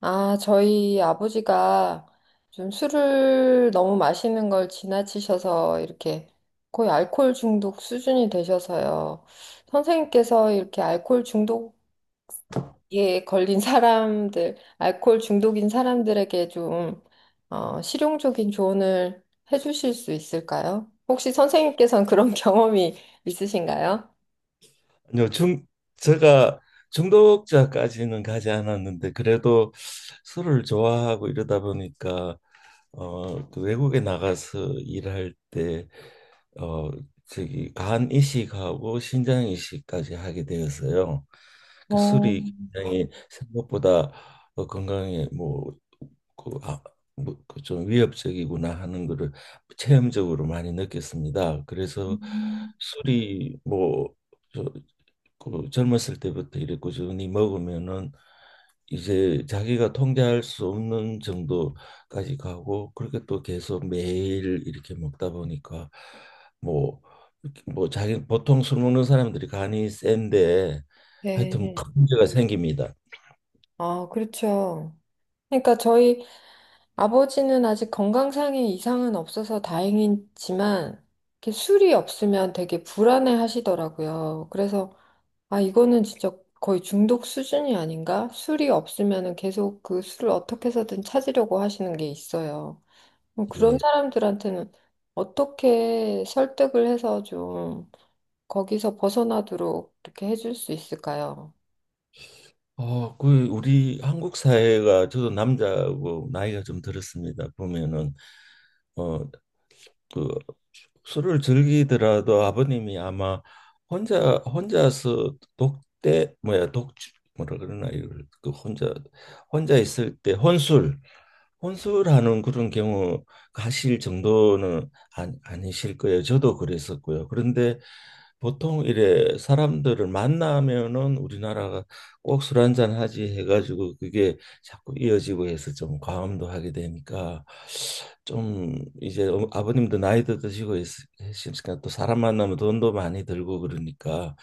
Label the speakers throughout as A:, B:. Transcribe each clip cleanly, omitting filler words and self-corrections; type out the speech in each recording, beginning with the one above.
A: 아, 저희 아버지가 좀 술을 너무 마시는 걸 지나치셔서 이렇게 거의 알코올 중독 수준이 되셔서요. 선생님께서 이렇게 알코올 중독에 걸린 사람들, 알코올 중독인 사람들에게 좀 실용적인 조언을 해주실 수 있을까요? 혹시 선생님께서는 그런 경험이 있으신가요?
B: 요중 제가 중독자까지는 가지 않았는데 그래도 술을 좋아하고 이러다 보니까 어그 외국에 나가서 일할 때 어 저기 간 이식하고 신장 이식까지 하게 되어서요. 그
A: 어,
B: 술이 굉장히 생각보다 건강에 뭐그 아, 뭐좀 위협적이구나 하는 거를 체험적으로 많이 느꼈습니다. 그래서 술이 뭐저 그 젊었을 때부터 이래 꾸준히 먹으면은 이제 자기가 통제할 수 없는 정도까지 가고, 그렇게 또 계속 매일 이렇게 먹다 보니까 뭐 뭐 자기, 보통 술 먹는 사람들이 간이 센데 하여튼 큰
A: 네.
B: 문제가 생깁니다.
A: 아, 그렇죠. 그러니까 저희 아버지는 아직 건강상의 이상은 없어서 다행이지만, 이렇게 술이 없으면 되게 불안해 하시더라고요. 그래서, 아, 이거는 진짜 거의 중독 수준이 아닌가? 술이 없으면은 계속 그 술을 어떻게 해서든 찾으려고 하시는 게 있어요. 그런
B: 예.
A: 사람들한테는 어떻게 설득을 해서 좀 거기서 벗어나도록 이렇게 해줄 수 있을까요?
B: 어, 그 우리 한국 사회가, 저도 남자고 나이가 좀 들었습니다. 보면은 어 그 술을 즐기더라도 아버님이 아마 혼자서 독대, 뭐야 독, 뭐라 그러나, 이걸 그 혼자 있을 때 혼술하는 그런 경우 하실 정도는 아니실 거예요. 저도 그랬었고요. 그런데 보통 이래 사람들을 만나면은 우리나라가 꼭 "술 한잔 하지" 해가지고, 그게 자꾸 이어지고 해서 좀 과음도 하게 되니까, 좀 이제 아버님도 나이도 드시고 있으니까 또 사람 만나면 돈도 많이 들고, 그러니까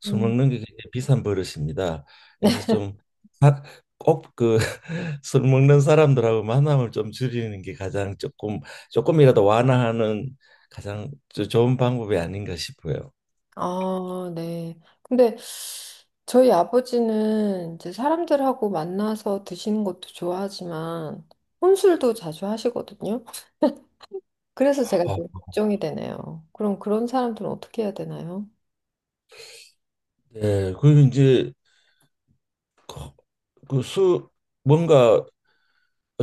B: 술 먹는 게 굉장히 비싼 버릇입니다. 그래서 좀 사- 꼭 그 술 먹는 사람들하고 만남을 좀 줄이는 게 가장, 조금 조금이라도 완화하는 가장 좋은 방법이 아닌가 싶어요.
A: 아, 네. 근데 저희 아버지는 이제 사람들하고 만나서 드시는 것도 좋아하지만 혼술도 자주 하시거든요. 그래서 제가
B: 어,
A: 좀 걱정이 되네요. 그럼 그런 사람들은 어떻게 해야 되나요?
B: 네, 그리고 이제 그 술, 뭔가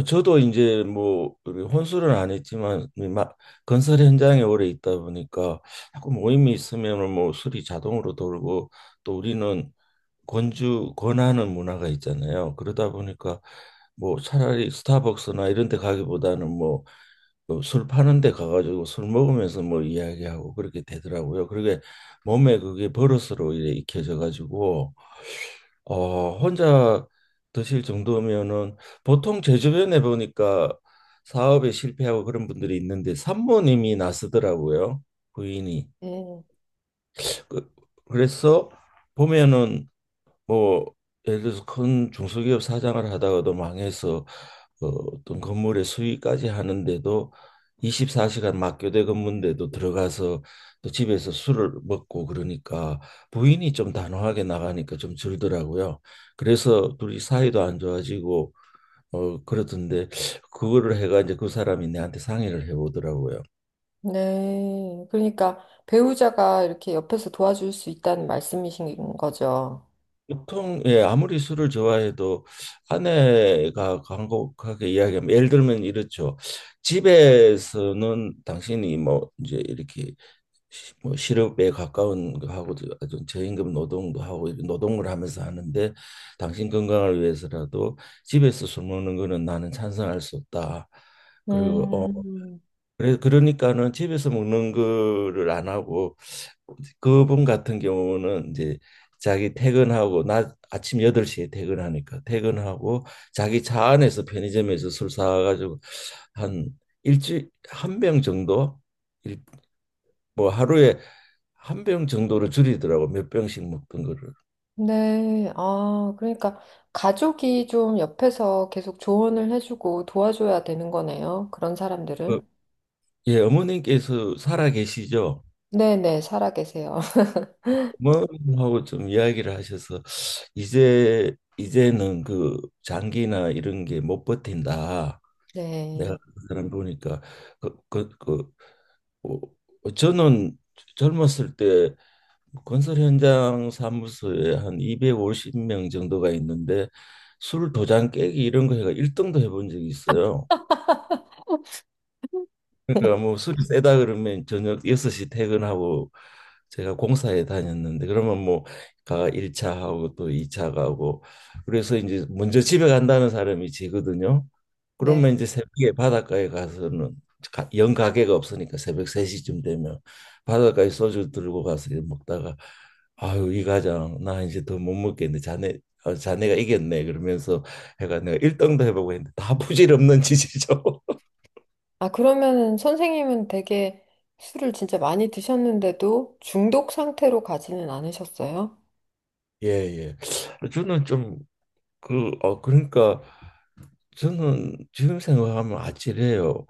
B: 저도 이제 뭐 우리 혼술은 안 했지만 막 건설 현장에 오래 있다 보니까 자꾸 모임이 있으면은 뭐 술이 자동으로 돌고, 또 우리는 권주 권하는 문화가 있잖아요. 그러다 보니까 뭐 차라리 스타벅스나 이런 데 가기보다는 뭐술 파는 데 가가지고 술 먹으면서 뭐 이야기하고 그렇게 되더라고요. 그게 몸에, 그게 버릇으로 이래 익혀져 가지고 어, 혼자 드실 정도면은, 보통 제 주변에 보니까 사업에 실패하고 그런 분들이 있는데 산모님이 나서더라고요. 부인이.
A: 네.
B: 그, 그래서 보면은 뭐 예를 들어서 큰 중소기업 사장을 하다가도 망해서 어, 어떤 건물의 수위까지 하는데도, 24시간 막교대 근무인데도 들어가서 또 집에서 술을 먹고 그러니까 부인이 좀 단호하게 나가니까 좀 줄더라고요. 그래서 둘이 사이도 안 좋아지고 어 그렇던데, 그거를 해가 이제 그 사람이 내한테 상의를 해보더라고요.
A: 네. 그러니까 배우자가 이렇게 옆에서 도와줄 수 있다는 말씀이신 거죠.
B: 보통 예, 아무리 술을 좋아해도 아내가 간곡하게 이야기하면, 예를 들면 이렇죠. "집에서는 당신이 뭐 이제 이렇게 뭐 실업에 가까운 거 하고 아주 저임금 노동도 하고 이런 노동을 하면서 하는데, 당신 건강을 위해서라도 집에서 술 먹는 거는 나는 찬성할 수 없다." 그리고 어,
A: 음.
B: 그래 그러니까는 집에서 먹는 거를 안 하고, 그분 같은 경우는 이제 자기 퇴근하고, 나 아침 8시에 퇴근하니까, 퇴근하고 자기 차 안에서 편의점에서 술 사가지고 한 일주일 한 병 정도, 일- 뭐 하루에 한 병 정도로 줄이더라고. 몇 병씩 먹던 거를.
A: 네, 아, 그러니까 가족이 좀 옆에서 계속 조언을 해주고 도와줘야 되는 거네요. 그런
B: 어,
A: 사람들은.
B: 예 어머님께서 살아 계시죠?
A: 네네, 살아계세요.
B: 뭐 하고 좀 이야기를 하셔서 "이제 이제는 그 장기나 이런 게 못 버틴다. 내가
A: 네,
B: 그 사람 보니까" 그 어, 어, 저는 젊었을 때 건설 현장 사무소에 한 250명 정도가 있는데 술 도장 깨기 이런 거 해가 1등도 해본 적이 있어요. 그러니까 뭐 술이 세다 그러면 저녁 6시 퇴근하고, 제가 공사에 다녔는데, 그러면 뭐 가 1차 하고 또 2차 가고, 그래서 이제 먼저 집에 간다는 사람이 지거든요. 그러면
A: 네.
B: 이제 새벽에 바닷가에 가서는, 영 가게가 없으니까 새벽 3시쯤 되면 바닷가에 소주 들고 가서 이 먹다가 "아유 이 과장, 나 이제 더 못 먹겠네. 자네 어, 자네가 이겼네" 그러면서 해가 내가 일등도 해보고 했는데 다 부질없는 짓이죠.
A: 아, 그러면은 선생님은 되게 술을 진짜 많이 드셨는데도 중독 상태로 가지는 않으셨어요?
B: 예, 예. 저는 좀 그, 어, 그러니까 저는 지금 생각하면 아찔해요.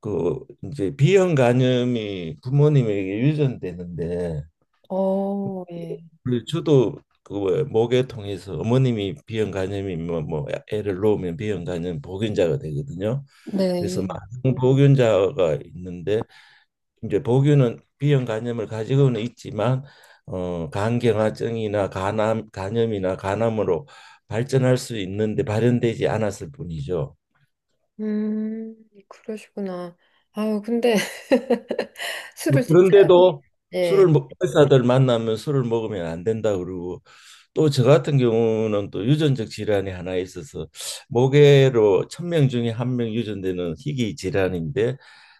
B: 그 이제 B형 간염이 부모님에게 유전되는데,
A: 어, 예.
B: 그 저도 그 뭐야, 목에 통해서 어머님이 B형 간염이 뭐, 뭐 애를 낳으면 B형 간염 보균자가 되거든요. 그래서
A: 네.
B: 많은 보균자가 있는데, 이제 보균은 B형 간염을 가지고는 있지만 어, 간경화증이나 간암, 간염이나 간암으로 발전할 수 있는데 발현되지 않았을 뿐이죠.
A: 음, 그러시구나. 아유, 근데
B: 뭐
A: 술을 진짜,
B: 그런데도
A: 예.
B: 의사들 만나면 술을 먹으면 안 된다 그러고, 또 저 같은 경우는 또 유전적 질환이 하나 있어서, 모계로 1,000명 중에 한 명 유전되는 희귀 질환인데,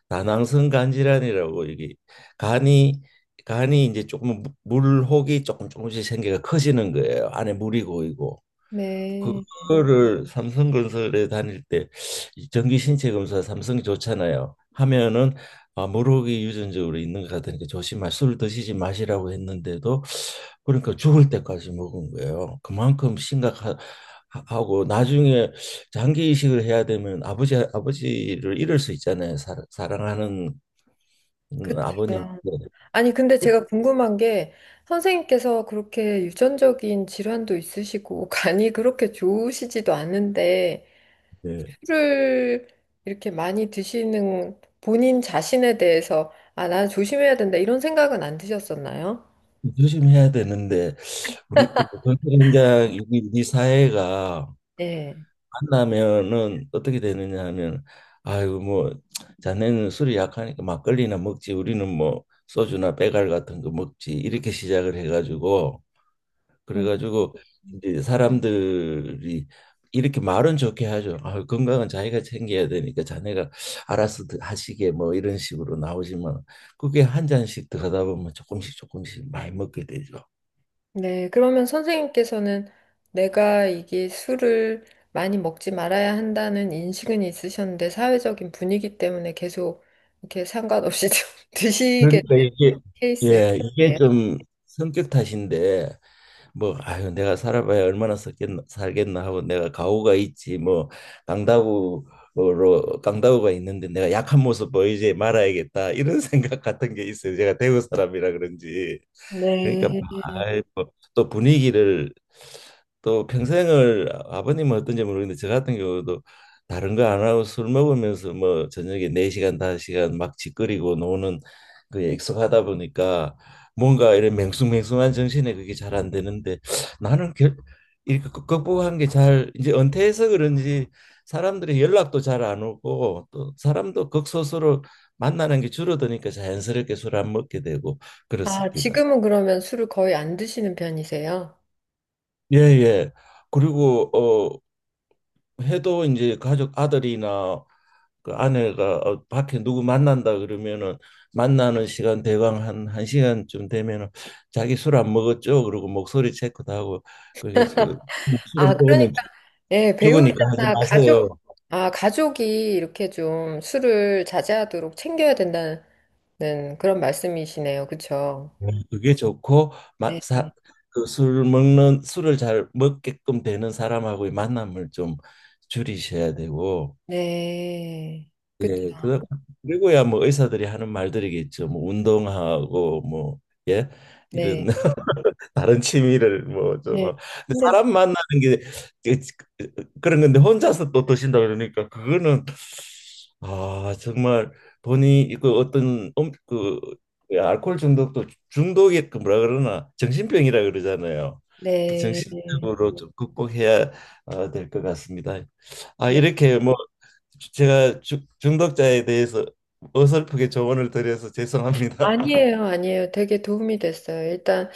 B: 다낭성 간질환이라고. 이게 간이 간이 이제 조금 물혹이 조금 조금씩 생겨가 커지는 거예요. 안에 물이 고이고.
A: 네.
B: 그거를 삼성건설에 다닐 때 이 정기 신체 검사, 삼성이 좋잖아요, 하면은 "아, 물혹이 유전적으로 있는 것 같으니까 술 드시지 마시라고 했는데도, 그러니까 죽을 때까지 먹은 거예요. 그만큼 심각하고, 나중에 장기 이식을 해야 되면 아버지를 잃을 수 있잖아요. 사랑하는 아버님.
A: 그렇죠. 아니, 근데 제가 궁금한 게 선생님께서 그렇게 유전적인 질환도 있으시고 간이 그렇게 좋으시지도 않은데
B: 네.
A: 술을 이렇게 많이 드시는 본인 자신에 대해서 아, 나 조심해야 된다 이런 생각은 안 드셨었나요?
B: 조심해야 되는데 우리 그 현장, 우리 사회가
A: 네.
B: 만나면은 어떻게 되느냐 하면, "아이고 뭐 자네는 술이 약하니까 막걸리나 먹지. 우리는 뭐 소주나 배갈 같은 거 먹지" 이렇게 시작을 해가지고,
A: 음.
B: 그래가지고 이제 사람들이 이렇게 말은 좋게 하죠. "아, 건강은 자기가 챙겨야 되니까 자네가 알아서 하시게" 뭐 이런 식으로 나오지만, 그게 한 잔씩 더 하다 보면 조금씩 조금씩 많이 먹게 되죠.
A: 네, 그러면 선생님께서는 내가 이게 술을 많이 먹지 말아야 한다는 인식은 있으셨는데 사회적인 분위기 때문에 계속 이렇게 상관없이 좀 드시게
B: 그러니까
A: 된
B: 이게,
A: 케이스네요.
B: 예, 이게 좀 성격 탓인데, 뭐 아유, 내가 살아봐야 얼마나 살겠나, 살겠나 하고, 내가 가오가 있지 뭐, 강다구로 강다구가 있는데 내가 약한 모습 보이지 말아야겠다, 이런 생각 같은 게 있어요. 제가 대구 사람이라 그런지.
A: 네.
B: 그러니까 아이, 뭐또 분위기를, 또 평생을 아버님은 어떤지 모르겠는데 저 같은 경우도 다른 거 안 하고 술 먹으면서 뭐 저녁에 4시간 다섯 시간막 짓거리고 노는 그약 익숙하다 보니까 뭔가 이런 맹숭맹숭한 정신에 그게 잘 안 되는데, 나는 결, 이렇게 극복한 게 잘, 이제 은퇴해서 그런지 사람들이 연락도 잘 안 오고 또 사람도 극소수로 만나는 게 줄어드니까 자연스럽게 술 안 먹게 되고
A: 아,
B: 그렇습니다.
A: 지금은 그러면 술을 거의 안 드시는 편이세요?
B: 예, 예. 그리고 어, 해도 이제 가족 아들이나 그 아내가 어, 밖에 누구 만난다 그러면은 만나는 시간 대강 한 한 시간쯤 되면은 "자기 술 안 먹었죠?" 그러고 목소리 체크도 하고. 그래서 술을
A: 아, 그러니까,
B: 먹으면,
A: 예,
B: 죽으니까 하지
A: 배우자나 가족,
B: 마세요.
A: 아, 가족이 이렇게 좀 술을 자제하도록 챙겨야 된다는 그런 말씀이시네요. 그쵸?
B: 네, 그게 좋고. 마,
A: 네.
B: 사, 그술 먹는 술을 잘 먹게끔 되는 사람하고의 만남을 좀 줄이셔야 되고,
A: 네. 그쵸.
B: 예, 그, 그리고야 뭐 의사들이 하는 말들이겠죠. 뭐 운동하고 뭐, 예,
A: 네.
B: 이런 다른 취미를 뭐좀
A: 네.
B: 하고. 근데
A: 근데,
B: 사람 만나는 게 그- 그런 건데, 혼자서 또 드신다 그러니까 그거는 아, 정말 본인 그 어떤 그, 그 알코올 중독도, 중독이 그 뭐라 그러나 정신병이라 그러잖아요. 그
A: 네.
B: 정신적으로 좀 극복해야 아, 될것 같습니다. 아,
A: 네.
B: 이렇게 뭐 제가 중독자에 대해서 어설프게 조언을 드려서 죄송합니다.
A: 아니에요, 아니에요. 되게 도움이 됐어요. 일단,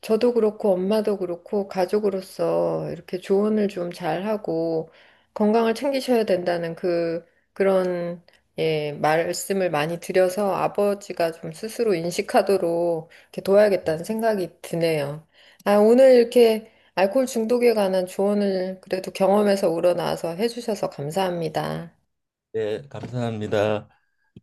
A: 저도 그렇고 엄마도 그렇고 가족으로서 이렇게 조언을 좀 잘하고 건강을 챙기셔야 된다는 그 그런 예, 말씀을 많이 드려서 아버지가 좀 스스로 인식하도록 이렇게 도와야겠다는 생각이 드네요. 아, 오늘 이렇게 알코올 중독에 관한 조언을 그래도 경험에서 우러나와서 해주셔서 감사합니다.
B: 예, 감사합니다.